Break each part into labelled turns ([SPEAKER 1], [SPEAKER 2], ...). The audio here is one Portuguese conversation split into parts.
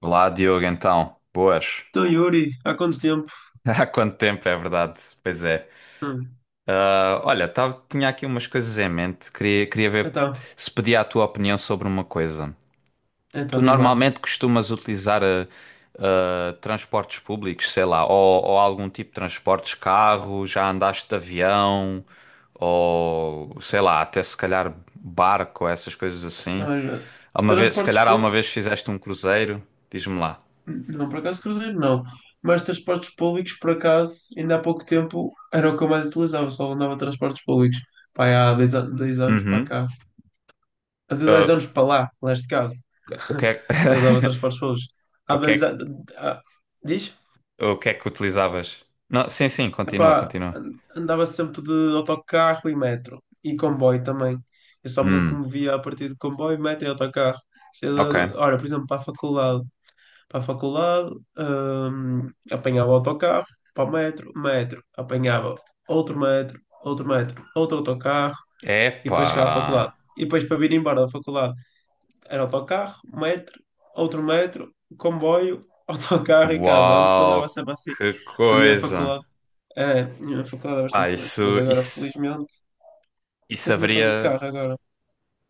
[SPEAKER 1] Olá, Diogo, então. Boas.
[SPEAKER 2] Então, Yuri, há quanto tempo?
[SPEAKER 1] Há quanto tempo, é verdade. Pois é.
[SPEAKER 2] Hum.
[SPEAKER 1] Ah, olha, tava, tinha aqui umas coisas em mente. Queria ver
[SPEAKER 2] Então,
[SPEAKER 1] se pedia a tua opinião sobre uma coisa. Tu
[SPEAKER 2] então, diz lá.
[SPEAKER 1] normalmente costumas utilizar transportes públicos, sei lá, ou algum tipo de transportes, carro, já andaste de avião, ou sei lá, até se calhar barco, essas coisas assim.
[SPEAKER 2] Olha,
[SPEAKER 1] Alguma vez, se
[SPEAKER 2] transportes
[SPEAKER 1] calhar alguma
[SPEAKER 2] públicos,
[SPEAKER 1] vez fizeste um cruzeiro, diz-me lá.
[SPEAKER 2] não por acaso cruzeiro, não. Mas transportes públicos, por acaso, ainda há pouco tempo era o que eu mais utilizava, só andava de transportes públicos. Pá, há 10 anos para
[SPEAKER 1] Uhum.
[SPEAKER 2] cá. Há dez
[SPEAKER 1] Ah,
[SPEAKER 2] anos para lá, neste caso.
[SPEAKER 1] o que é...
[SPEAKER 2] Eu usava transportes públicos. Há
[SPEAKER 1] O que é
[SPEAKER 2] 10
[SPEAKER 1] que,
[SPEAKER 2] anos. Diz?
[SPEAKER 1] o que é que utilizavas? Não, sim, sim, continua,
[SPEAKER 2] Epá,
[SPEAKER 1] continua.
[SPEAKER 2] andava sempre de autocarro e metro. E comboio também. Eu só me
[SPEAKER 1] Hum,
[SPEAKER 2] locomovia a partir de comboio, metro e autocarro. Se eu-
[SPEAKER 1] ok.
[SPEAKER 2] Ora, por exemplo, para a faculdade. Para a faculdade, apanhava o autocarro, para o metro. Apanhava outro metro, outro metro, outro autocarro. E
[SPEAKER 1] Epá.
[SPEAKER 2] depois chegava à faculdade. E depois para vir embora da faculdade, era autocarro, metro, outro metro, comboio, autocarro e casa. Antes andava
[SPEAKER 1] Uau,
[SPEAKER 2] sempre assim.
[SPEAKER 1] que
[SPEAKER 2] Porque a minha
[SPEAKER 1] coisa.
[SPEAKER 2] faculdade é, a minha faculdade é
[SPEAKER 1] Ah,
[SPEAKER 2] bastante longe, mas
[SPEAKER 1] isso,
[SPEAKER 2] agora
[SPEAKER 1] isso,
[SPEAKER 2] felizmente,
[SPEAKER 1] isso
[SPEAKER 2] felizmente ando de
[SPEAKER 1] haveria.
[SPEAKER 2] carro agora.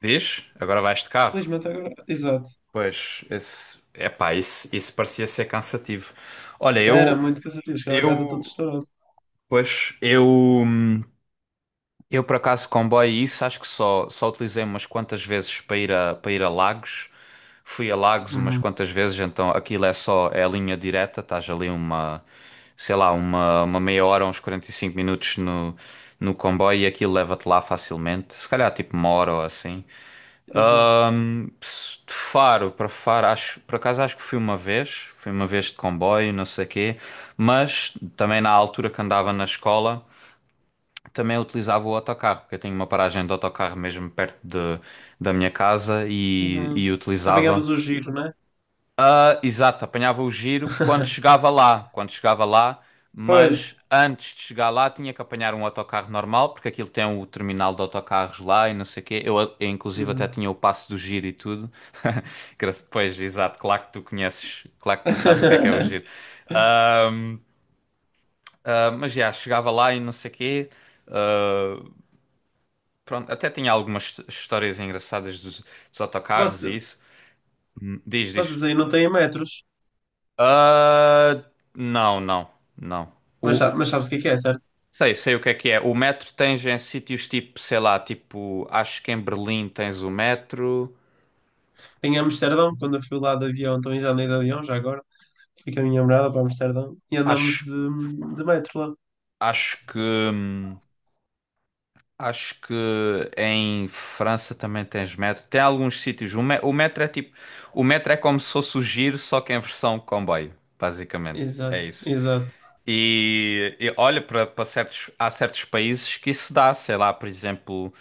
[SPEAKER 1] Diz? Agora vais de carro.
[SPEAKER 2] Felizmente agora, exato.
[SPEAKER 1] Pois, esse, epá, isso parecia ser cansativo. Olha,
[SPEAKER 2] Era muito cansativo, chegava a casa todo
[SPEAKER 1] eu,
[SPEAKER 2] estourado.
[SPEAKER 1] pois, eu, por acaso, comboio, e isso acho que só utilizei umas quantas vezes para ir a Lagos. Fui a Lagos umas
[SPEAKER 2] Uhum.
[SPEAKER 1] quantas vezes, então aquilo é só, é a linha direta, estás ali sei lá, uma meia hora, uns 45 minutos no comboio e aquilo leva-te lá facilmente. Se calhar tipo uma hora ou assim.
[SPEAKER 2] Exato.
[SPEAKER 1] De Faro para Faro, acho, por acaso acho que fui uma vez, de comboio, não sei quê, mas também na altura que andava na escola. Também utilizava o autocarro, porque eu tenho uma paragem de autocarro mesmo perto da minha casa e,
[SPEAKER 2] Uhum.
[SPEAKER 1] e utilizava.
[SPEAKER 2] Apanhavas o giro, né?
[SPEAKER 1] Ah, exato, apanhava o giro quando chegava lá, quando chegava lá, mas
[SPEAKER 2] Pois.
[SPEAKER 1] antes de chegar lá tinha que apanhar um autocarro normal, porque aquilo tem o terminal de autocarros lá e não sei o quê. Eu, inclusive, até
[SPEAKER 2] Uhum.
[SPEAKER 1] tinha o passo do giro e tudo. Pois, exato, claro que tu conheces, claro que tu sabes o que é o giro. Ah, mas já, chegava lá e não sei o quê. Ah, Pronto, até tinha algumas histórias engraçadas dos autocarros e
[SPEAKER 2] Você-
[SPEAKER 1] isso. Diz, diz.
[SPEAKER 2] Vocês aí não têm metros,
[SPEAKER 1] Ah, não, não, não.
[SPEAKER 2] mas
[SPEAKER 1] O, o-
[SPEAKER 2] mas sabes o que é, certo?
[SPEAKER 1] sei o que é que é. O metro tens em sítios tipo, sei lá, tipo, acho que em Berlim tens o metro.
[SPEAKER 2] Em Amsterdão, quando eu fui lá de avião, também já andei de avião, já agora, fui com a minha namorada para Amsterdão e andamos
[SPEAKER 1] Acho,
[SPEAKER 2] de metro lá.
[SPEAKER 1] acho que, hum, acho que em França também tens metro. Tem alguns sítios. O metro é como se fosse o giro, só que em versão comboio, basicamente. É
[SPEAKER 2] Exato,
[SPEAKER 1] isso.
[SPEAKER 2] exato.
[SPEAKER 1] E olha para certos, há certos países que isso dá, sei lá, por exemplo,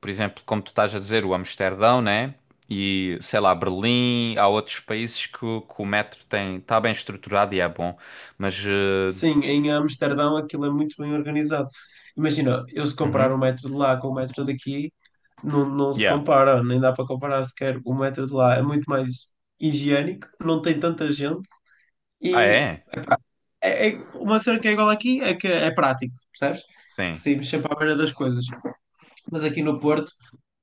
[SPEAKER 1] por exemplo, como tu estás a dizer, o Amsterdão, né? E sei lá, Berlim, há outros países que o metro tem, está bem estruturado e é bom, mas
[SPEAKER 2] Sim, em Amsterdão aquilo é muito bem organizado. Imagina, eu se comparar
[SPEAKER 1] uhum,
[SPEAKER 2] o metro de lá com o metro daqui, não, não se
[SPEAKER 1] yeah.
[SPEAKER 2] compara, nem dá para comparar sequer. O metro de lá é muito mais higiênico, não tem tanta gente
[SPEAKER 1] Ah,
[SPEAKER 2] e
[SPEAKER 1] é?
[SPEAKER 2] é, uma cena que é igual aqui é que é prático, percebes? Que
[SPEAKER 1] Sim.
[SPEAKER 2] saímos sempre à beira das coisas. Mas aqui no Porto,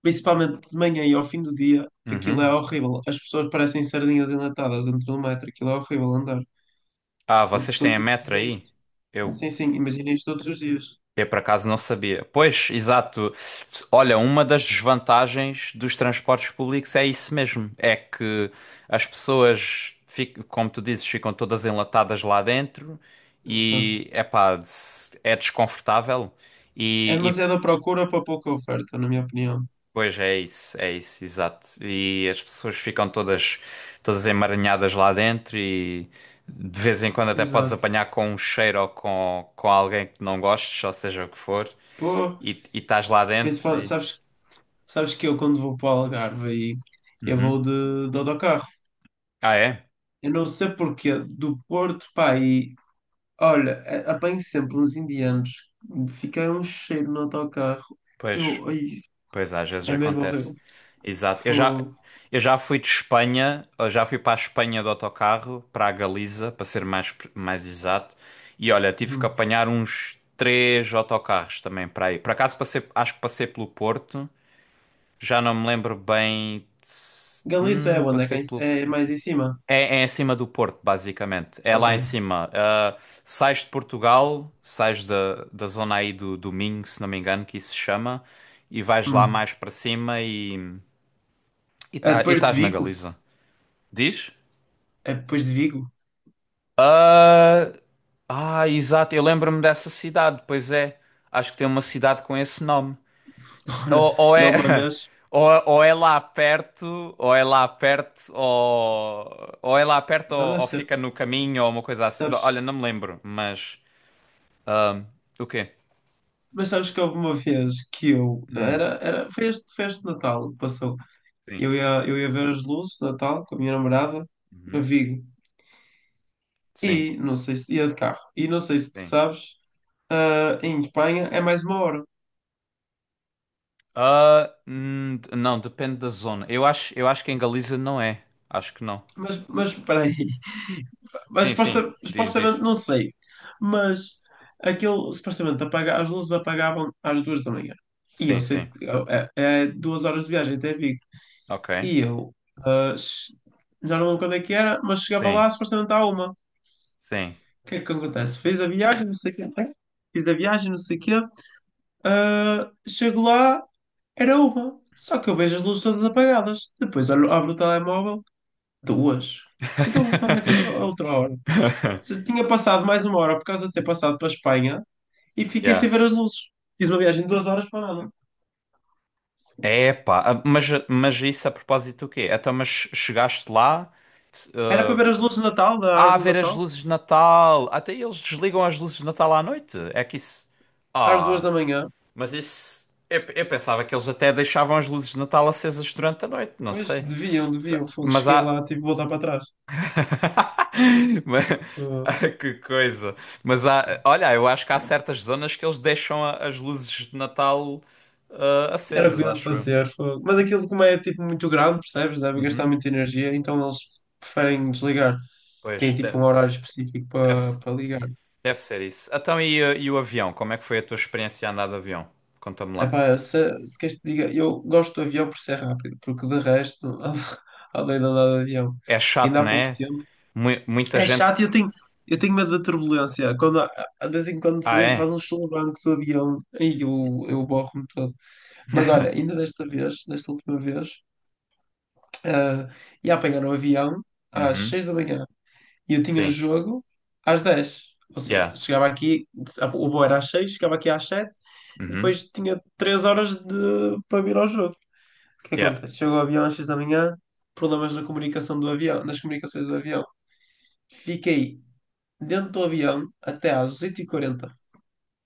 [SPEAKER 2] principalmente de manhã e ao fim do dia, aquilo é
[SPEAKER 1] Uhum.
[SPEAKER 2] horrível. As pessoas parecem sardinhas enlatadas dentro do metro, aquilo é horrível andar.
[SPEAKER 1] Ah,
[SPEAKER 2] Fogo,
[SPEAKER 1] vocês têm a metro
[SPEAKER 2] imagina
[SPEAKER 1] aí?
[SPEAKER 2] isto.
[SPEAKER 1] Eu
[SPEAKER 2] Sim, sim, imagina isto todos os dias.
[SPEAKER 1] Eu por acaso não sabia. Pois, exato. Olha, uma das desvantagens dos transportes públicos é isso mesmo. É que as pessoas, como tu dizes, ficam todas enlatadas lá dentro
[SPEAKER 2] Exato.
[SPEAKER 1] e, epá, é desconfortável.
[SPEAKER 2] É
[SPEAKER 1] E
[SPEAKER 2] demasiada procura para pouca oferta, na minha opinião.
[SPEAKER 1] pois é isso, exato. E as pessoas ficam todas emaranhadas lá dentro e de vez em quando até podes
[SPEAKER 2] Exato.
[SPEAKER 1] apanhar com um cheiro ou com alguém que não gostes, ou seja o que for,
[SPEAKER 2] Pô,
[SPEAKER 1] e estás lá dentro
[SPEAKER 2] principalmente,
[SPEAKER 1] e.
[SPEAKER 2] sabes, sabes que eu quando vou para o Algarve aí, eu
[SPEAKER 1] Uhum.
[SPEAKER 2] vou de autocarro.
[SPEAKER 1] Ah, é?
[SPEAKER 2] Eu não sei porquê, do Porto, pá, e olha, apanho sempre uns indianos, fica um cheiro no autocarro.
[SPEAKER 1] Pois,
[SPEAKER 2] Eu, ai,
[SPEAKER 1] pois, às vezes
[SPEAKER 2] é mesmo horrível.
[SPEAKER 1] acontece. Exato.
[SPEAKER 2] Fogo.
[SPEAKER 1] Eu já fui para a Espanha de autocarro, para a Galiza, para ser mais, mais exato. E olha, tive que
[SPEAKER 2] Hum.
[SPEAKER 1] apanhar uns três autocarros também para aí. Por acaso passei, acho que passei pelo Porto, já não me lembro bem. De se-
[SPEAKER 2] Galiza é onde? É,
[SPEAKER 1] Passei pelo.
[SPEAKER 2] é mais em cima?
[SPEAKER 1] É em cima do Porto, basicamente. É lá em
[SPEAKER 2] Ok.
[SPEAKER 1] cima. Ah, sais de Portugal, sais da zona aí do Minho, se não me engano, que isso se chama, e vais lá
[SPEAKER 2] Hum.
[SPEAKER 1] mais para cima e e
[SPEAKER 2] É
[SPEAKER 1] tá- e
[SPEAKER 2] depois de
[SPEAKER 1] estás na
[SPEAKER 2] Vigo?
[SPEAKER 1] Galiza. Diz?
[SPEAKER 2] É depois de Vigo?
[SPEAKER 1] Ah, ah, exato. Eu lembro-me dessa cidade, pois é. Acho que tem uma cidade com esse nome.
[SPEAKER 2] Olha,
[SPEAKER 1] Ou
[SPEAKER 2] eu
[SPEAKER 1] é,
[SPEAKER 2] uma vez,
[SPEAKER 1] ou é lá perto, ou é lá perto,
[SPEAKER 2] não
[SPEAKER 1] ou,
[SPEAKER 2] deve
[SPEAKER 1] ou
[SPEAKER 2] ser,
[SPEAKER 1] fica no caminho, ou uma coisa assim. Olha,
[SPEAKER 2] sabes,
[SPEAKER 1] não me lembro, mas. ah, o quê?
[SPEAKER 2] mas sabes que houve uma vez que eu,
[SPEAKER 1] Hum,
[SPEAKER 2] era, era, foi este, foi este Natal que passou,
[SPEAKER 1] sim.
[SPEAKER 2] eu ia ver as luzes de Natal com a minha namorada, a
[SPEAKER 1] Uhum,
[SPEAKER 2] Vigo,
[SPEAKER 1] sim,
[SPEAKER 2] e não sei se, ia de carro, e não sei se tu
[SPEAKER 1] sim.
[SPEAKER 2] sabes, ah, em Espanha é mais uma hora,
[SPEAKER 1] Ah, não, depende da zona. Eu acho que em Galiza não é. Acho que não.
[SPEAKER 2] mas espera aí, mas
[SPEAKER 1] Sim, sim. Diz,
[SPEAKER 2] supostamente,
[SPEAKER 1] diz.
[SPEAKER 2] não sei, mas aquilo, supostamente, apaga, as luzes apagavam às 2 da manhã, e eu
[SPEAKER 1] Sim, sim.
[SPEAKER 2] sei, que é, é 2 horas de viagem até Vigo.
[SPEAKER 1] Ok.
[SPEAKER 2] E eu ah, já não lembro quando é que era, mas chegava
[SPEAKER 1] Sim,
[SPEAKER 2] lá supostamente à uma.
[SPEAKER 1] sim.
[SPEAKER 2] O que é que acontece? Fiz a viagem, não sei o quê. Fiz a viagem, não sei o quê. Ah, chego lá, era uma. Só que eu vejo as luzes todas apagadas. Depois olho, abro o telemóvel, duas. Então, onde é que é a outra hora? Se tinha passado mais uma hora por causa de ter passado para a Espanha e fiquei sem
[SPEAKER 1] Yeah.
[SPEAKER 2] ver as luzes. Fiz uma viagem de 2 horas para nada.
[SPEAKER 1] É, pá, mas isso a propósito do quê? Então, mas chegaste lá, se-
[SPEAKER 2] Era para
[SPEAKER 1] eh,
[SPEAKER 2] ver as luzes de Natal, da
[SPEAKER 1] a
[SPEAKER 2] árvore de
[SPEAKER 1] ver as
[SPEAKER 2] Natal,
[SPEAKER 1] luzes de Natal, até eles desligam as luzes de Natal à noite, é que isso.
[SPEAKER 2] às duas
[SPEAKER 1] Ah,
[SPEAKER 2] da manhã.
[SPEAKER 1] mas isso... Eu pensava que eles até deixavam as luzes de Natal acesas durante a noite, não
[SPEAKER 2] Pois,
[SPEAKER 1] sei.
[SPEAKER 2] deviam, deviam. Fogo,
[SPEAKER 1] Mas
[SPEAKER 2] cheguei
[SPEAKER 1] há...
[SPEAKER 2] lá, tive que voltar para trás.
[SPEAKER 1] Mas-
[SPEAKER 2] Fogo.
[SPEAKER 1] Ah, que coisa. Mas há. Olha, eu acho que há certas zonas que eles deixam as luzes de Natal
[SPEAKER 2] Era o que
[SPEAKER 1] acesas,
[SPEAKER 2] deviam
[SPEAKER 1] acho eu.
[SPEAKER 2] fazer. Fogo. Mas aquilo, como é tipo muito grande, percebes? Deve gastar
[SPEAKER 1] Uhum.
[SPEAKER 2] muita energia, então eles preferem desligar. Tem
[SPEAKER 1] Pois,
[SPEAKER 2] tipo um horário específico para
[SPEAKER 1] deve-se.
[SPEAKER 2] para ligar.
[SPEAKER 1] Deve ser isso. Então, e o avião? Como é que foi a tua experiência a andar de avião? Conta-me lá.
[SPEAKER 2] Epá, se queres te diga, eu gosto do avião por ser rápido, porque de resto, além de andar de avião,
[SPEAKER 1] É chato,
[SPEAKER 2] ainda há
[SPEAKER 1] não
[SPEAKER 2] pouco
[SPEAKER 1] é?
[SPEAKER 2] tempo.
[SPEAKER 1] Muita
[SPEAKER 2] É
[SPEAKER 1] gente.
[SPEAKER 2] chato, e eu tenho medo da turbulência. Quando, de vez em quando
[SPEAKER 1] Ah,
[SPEAKER 2] faz
[SPEAKER 1] é?
[SPEAKER 2] uns solavancos o avião, aí eu borro-me todo. Mas olha, ainda desta vez, desta última vez. Ah, e a apanhar o avião às
[SPEAKER 1] Uhum.
[SPEAKER 2] 6 da manhã e eu tinha
[SPEAKER 1] Sim.
[SPEAKER 2] jogo às 10. Ou seja,
[SPEAKER 1] Yeah.
[SPEAKER 2] chegava aqui, o voo era às 6, chegava aqui às 7,
[SPEAKER 1] Uhum.
[SPEAKER 2] depois tinha 3 horas de, para vir ao jogo. O que
[SPEAKER 1] Yeah.
[SPEAKER 2] acontece? Chego ao avião às 6 da manhã, problemas na comunicação do avião, nas comunicações do avião. Fiquei dentro do avião até às 8h40.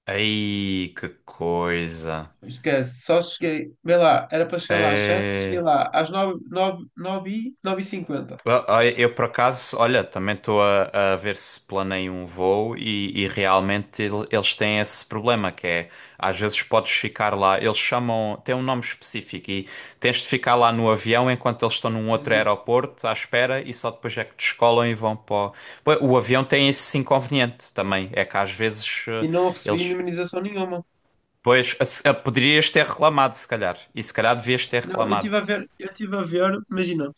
[SPEAKER 1] Aí, que coisa.
[SPEAKER 2] Esquece, só cheguei, vê lá, era para chegar lá às 7, cheguei
[SPEAKER 1] É.
[SPEAKER 2] lá às 9 9 9, 9h50.
[SPEAKER 1] Ah, eu, por acaso, olha, também estou a ver se planeio um voo e realmente eles têm esse problema, que é, às vezes podes ficar lá, eles chamam, tem um nome específico e tens de ficar lá no avião enquanto eles estão num outro
[SPEAKER 2] Exato.
[SPEAKER 1] aeroporto à espera e só depois é que descolam e vão para o. Pois, o avião tem esse inconveniente também, é que às vezes
[SPEAKER 2] E não recebi
[SPEAKER 1] eles.
[SPEAKER 2] indemnização nenhuma.
[SPEAKER 1] Pois, poderias ter reclamado, se calhar, e se calhar devias ter
[SPEAKER 2] Não, eu
[SPEAKER 1] reclamado,
[SPEAKER 2] estive a ver, eu estive a ver, imagina,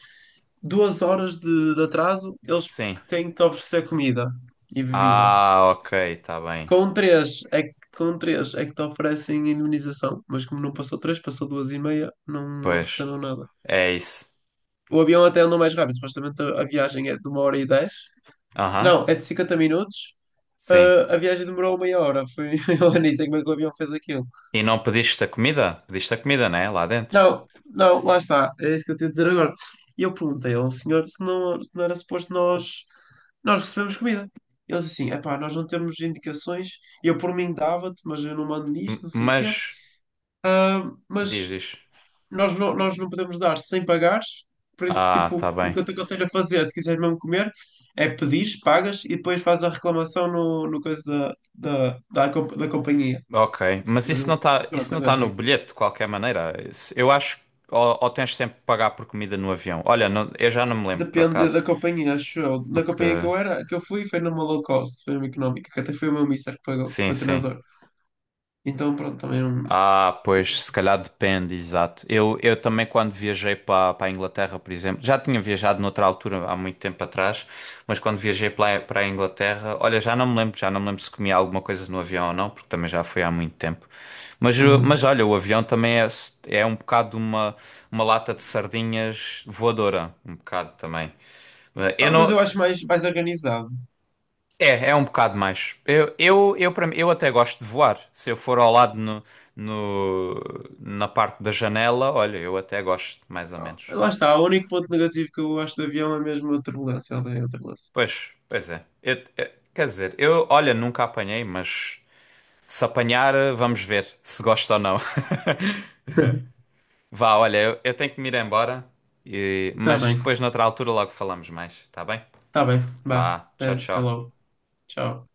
[SPEAKER 2] 2 horas de atraso, eles
[SPEAKER 1] sim.
[SPEAKER 2] têm que te oferecer comida e bebida.
[SPEAKER 1] Ah, ok, está bem,
[SPEAKER 2] Com três é que te oferecem indemnização, mas como não passou três, passou duas e meia, não
[SPEAKER 1] pois.
[SPEAKER 2] ofereceram nada.
[SPEAKER 1] É isso.
[SPEAKER 2] O avião até andou mais rápido, supostamente a viagem é de 1h10.
[SPEAKER 1] Aham,
[SPEAKER 2] Não, é de 50 minutos.
[SPEAKER 1] sim.
[SPEAKER 2] Ah, a viagem demorou meia hora. Foi a Anísia como é que o avião fez aquilo.
[SPEAKER 1] E não pediste a comida? Pediste a comida, né? Lá dentro.
[SPEAKER 2] Não, não, lá está. É isso que eu tenho a dizer agora. E eu perguntei ao senhor se não era suposto nós, nós recebemos comida. Ele disse assim, epá, nós não temos indicações, eu por mim dava-te, mas eu não mando nisto, não sei o quê.
[SPEAKER 1] Mas,
[SPEAKER 2] Ah, mas
[SPEAKER 1] diz, diz.
[SPEAKER 2] nós não podemos dar sem pagares, por isso,
[SPEAKER 1] Ah,
[SPEAKER 2] tipo,
[SPEAKER 1] tá
[SPEAKER 2] o
[SPEAKER 1] bem.
[SPEAKER 2] que eu te aconselho a fazer, se quiseres mesmo comer, é pedires, pagas e depois fazes a reclamação no coisa da companhia.
[SPEAKER 1] Ok. Mas
[SPEAKER 2] Mas
[SPEAKER 1] isso não
[SPEAKER 2] eu,
[SPEAKER 1] está, isso
[SPEAKER 2] pronto,
[SPEAKER 1] não tá
[SPEAKER 2] agora
[SPEAKER 1] no bilhete, de qualquer maneira. Eu acho que ou tens sempre que pagar por comida no avião. Olha, eu já não me lembro, por
[SPEAKER 2] depende
[SPEAKER 1] acaso.
[SPEAKER 2] da companhia, acho eu. Na companhia que
[SPEAKER 1] Porque,
[SPEAKER 2] eu era, que eu fui, foi numa low cost, foi numa económica, que até foi o meu mister que pagou, o
[SPEAKER 1] sim,
[SPEAKER 2] meu
[SPEAKER 1] sim.
[SPEAKER 2] treinador. Então, pronto, também não.
[SPEAKER 1] Ah, pois, se calhar depende, exato. Eu também, quando viajei para a Inglaterra, por exemplo, já tinha viajado noutra altura, há muito tempo atrás, mas quando viajei para a Inglaterra, olha, já não me lembro, se comia alguma coisa no avião ou não, porque também já foi há muito tempo. Mas,
[SPEAKER 2] Uhum.
[SPEAKER 1] olha, o avião também é um bocado uma lata de sardinhas voadora, um bocado também. Eu
[SPEAKER 2] Ah, mas
[SPEAKER 1] não.
[SPEAKER 2] eu acho mais organizado.
[SPEAKER 1] É um bocado mais. Eu até gosto de voar. Se eu for ao lado no- na parte da janela, olha, eu até gosto, mais ou
[SPEAKER 2] Ah,
[SPEAKER 1] menos.
[SPEAKER 2] lá está, o único ponto negativo que eu acho do avião é mesmo a turbulência, eu odeio a turbulência.
[SPEAKER 1] Pois é. Quer dizer, eu, olha, nunca apanhei, mas se apanhar, vamos ver se gosto ou não. Vá, olha, eu tenho que me ir embora,
[SPEAKER 2] Tá
[SPEAKER 1] mas
[SPEAKER 2] bem,
[SPEAKER 1] depois, noutra altura, logo falamos mais, tá bem?
[SPEAKER 2] tá bem. Vá,
[SPEAKER 1] Vá,
[SPEAKER 2] até
[SPEAKER 1] tchau,
[SPEAKER 2] até
[SPEAKER 1] tchau.
[SPEAKER 2] logo. Tchau.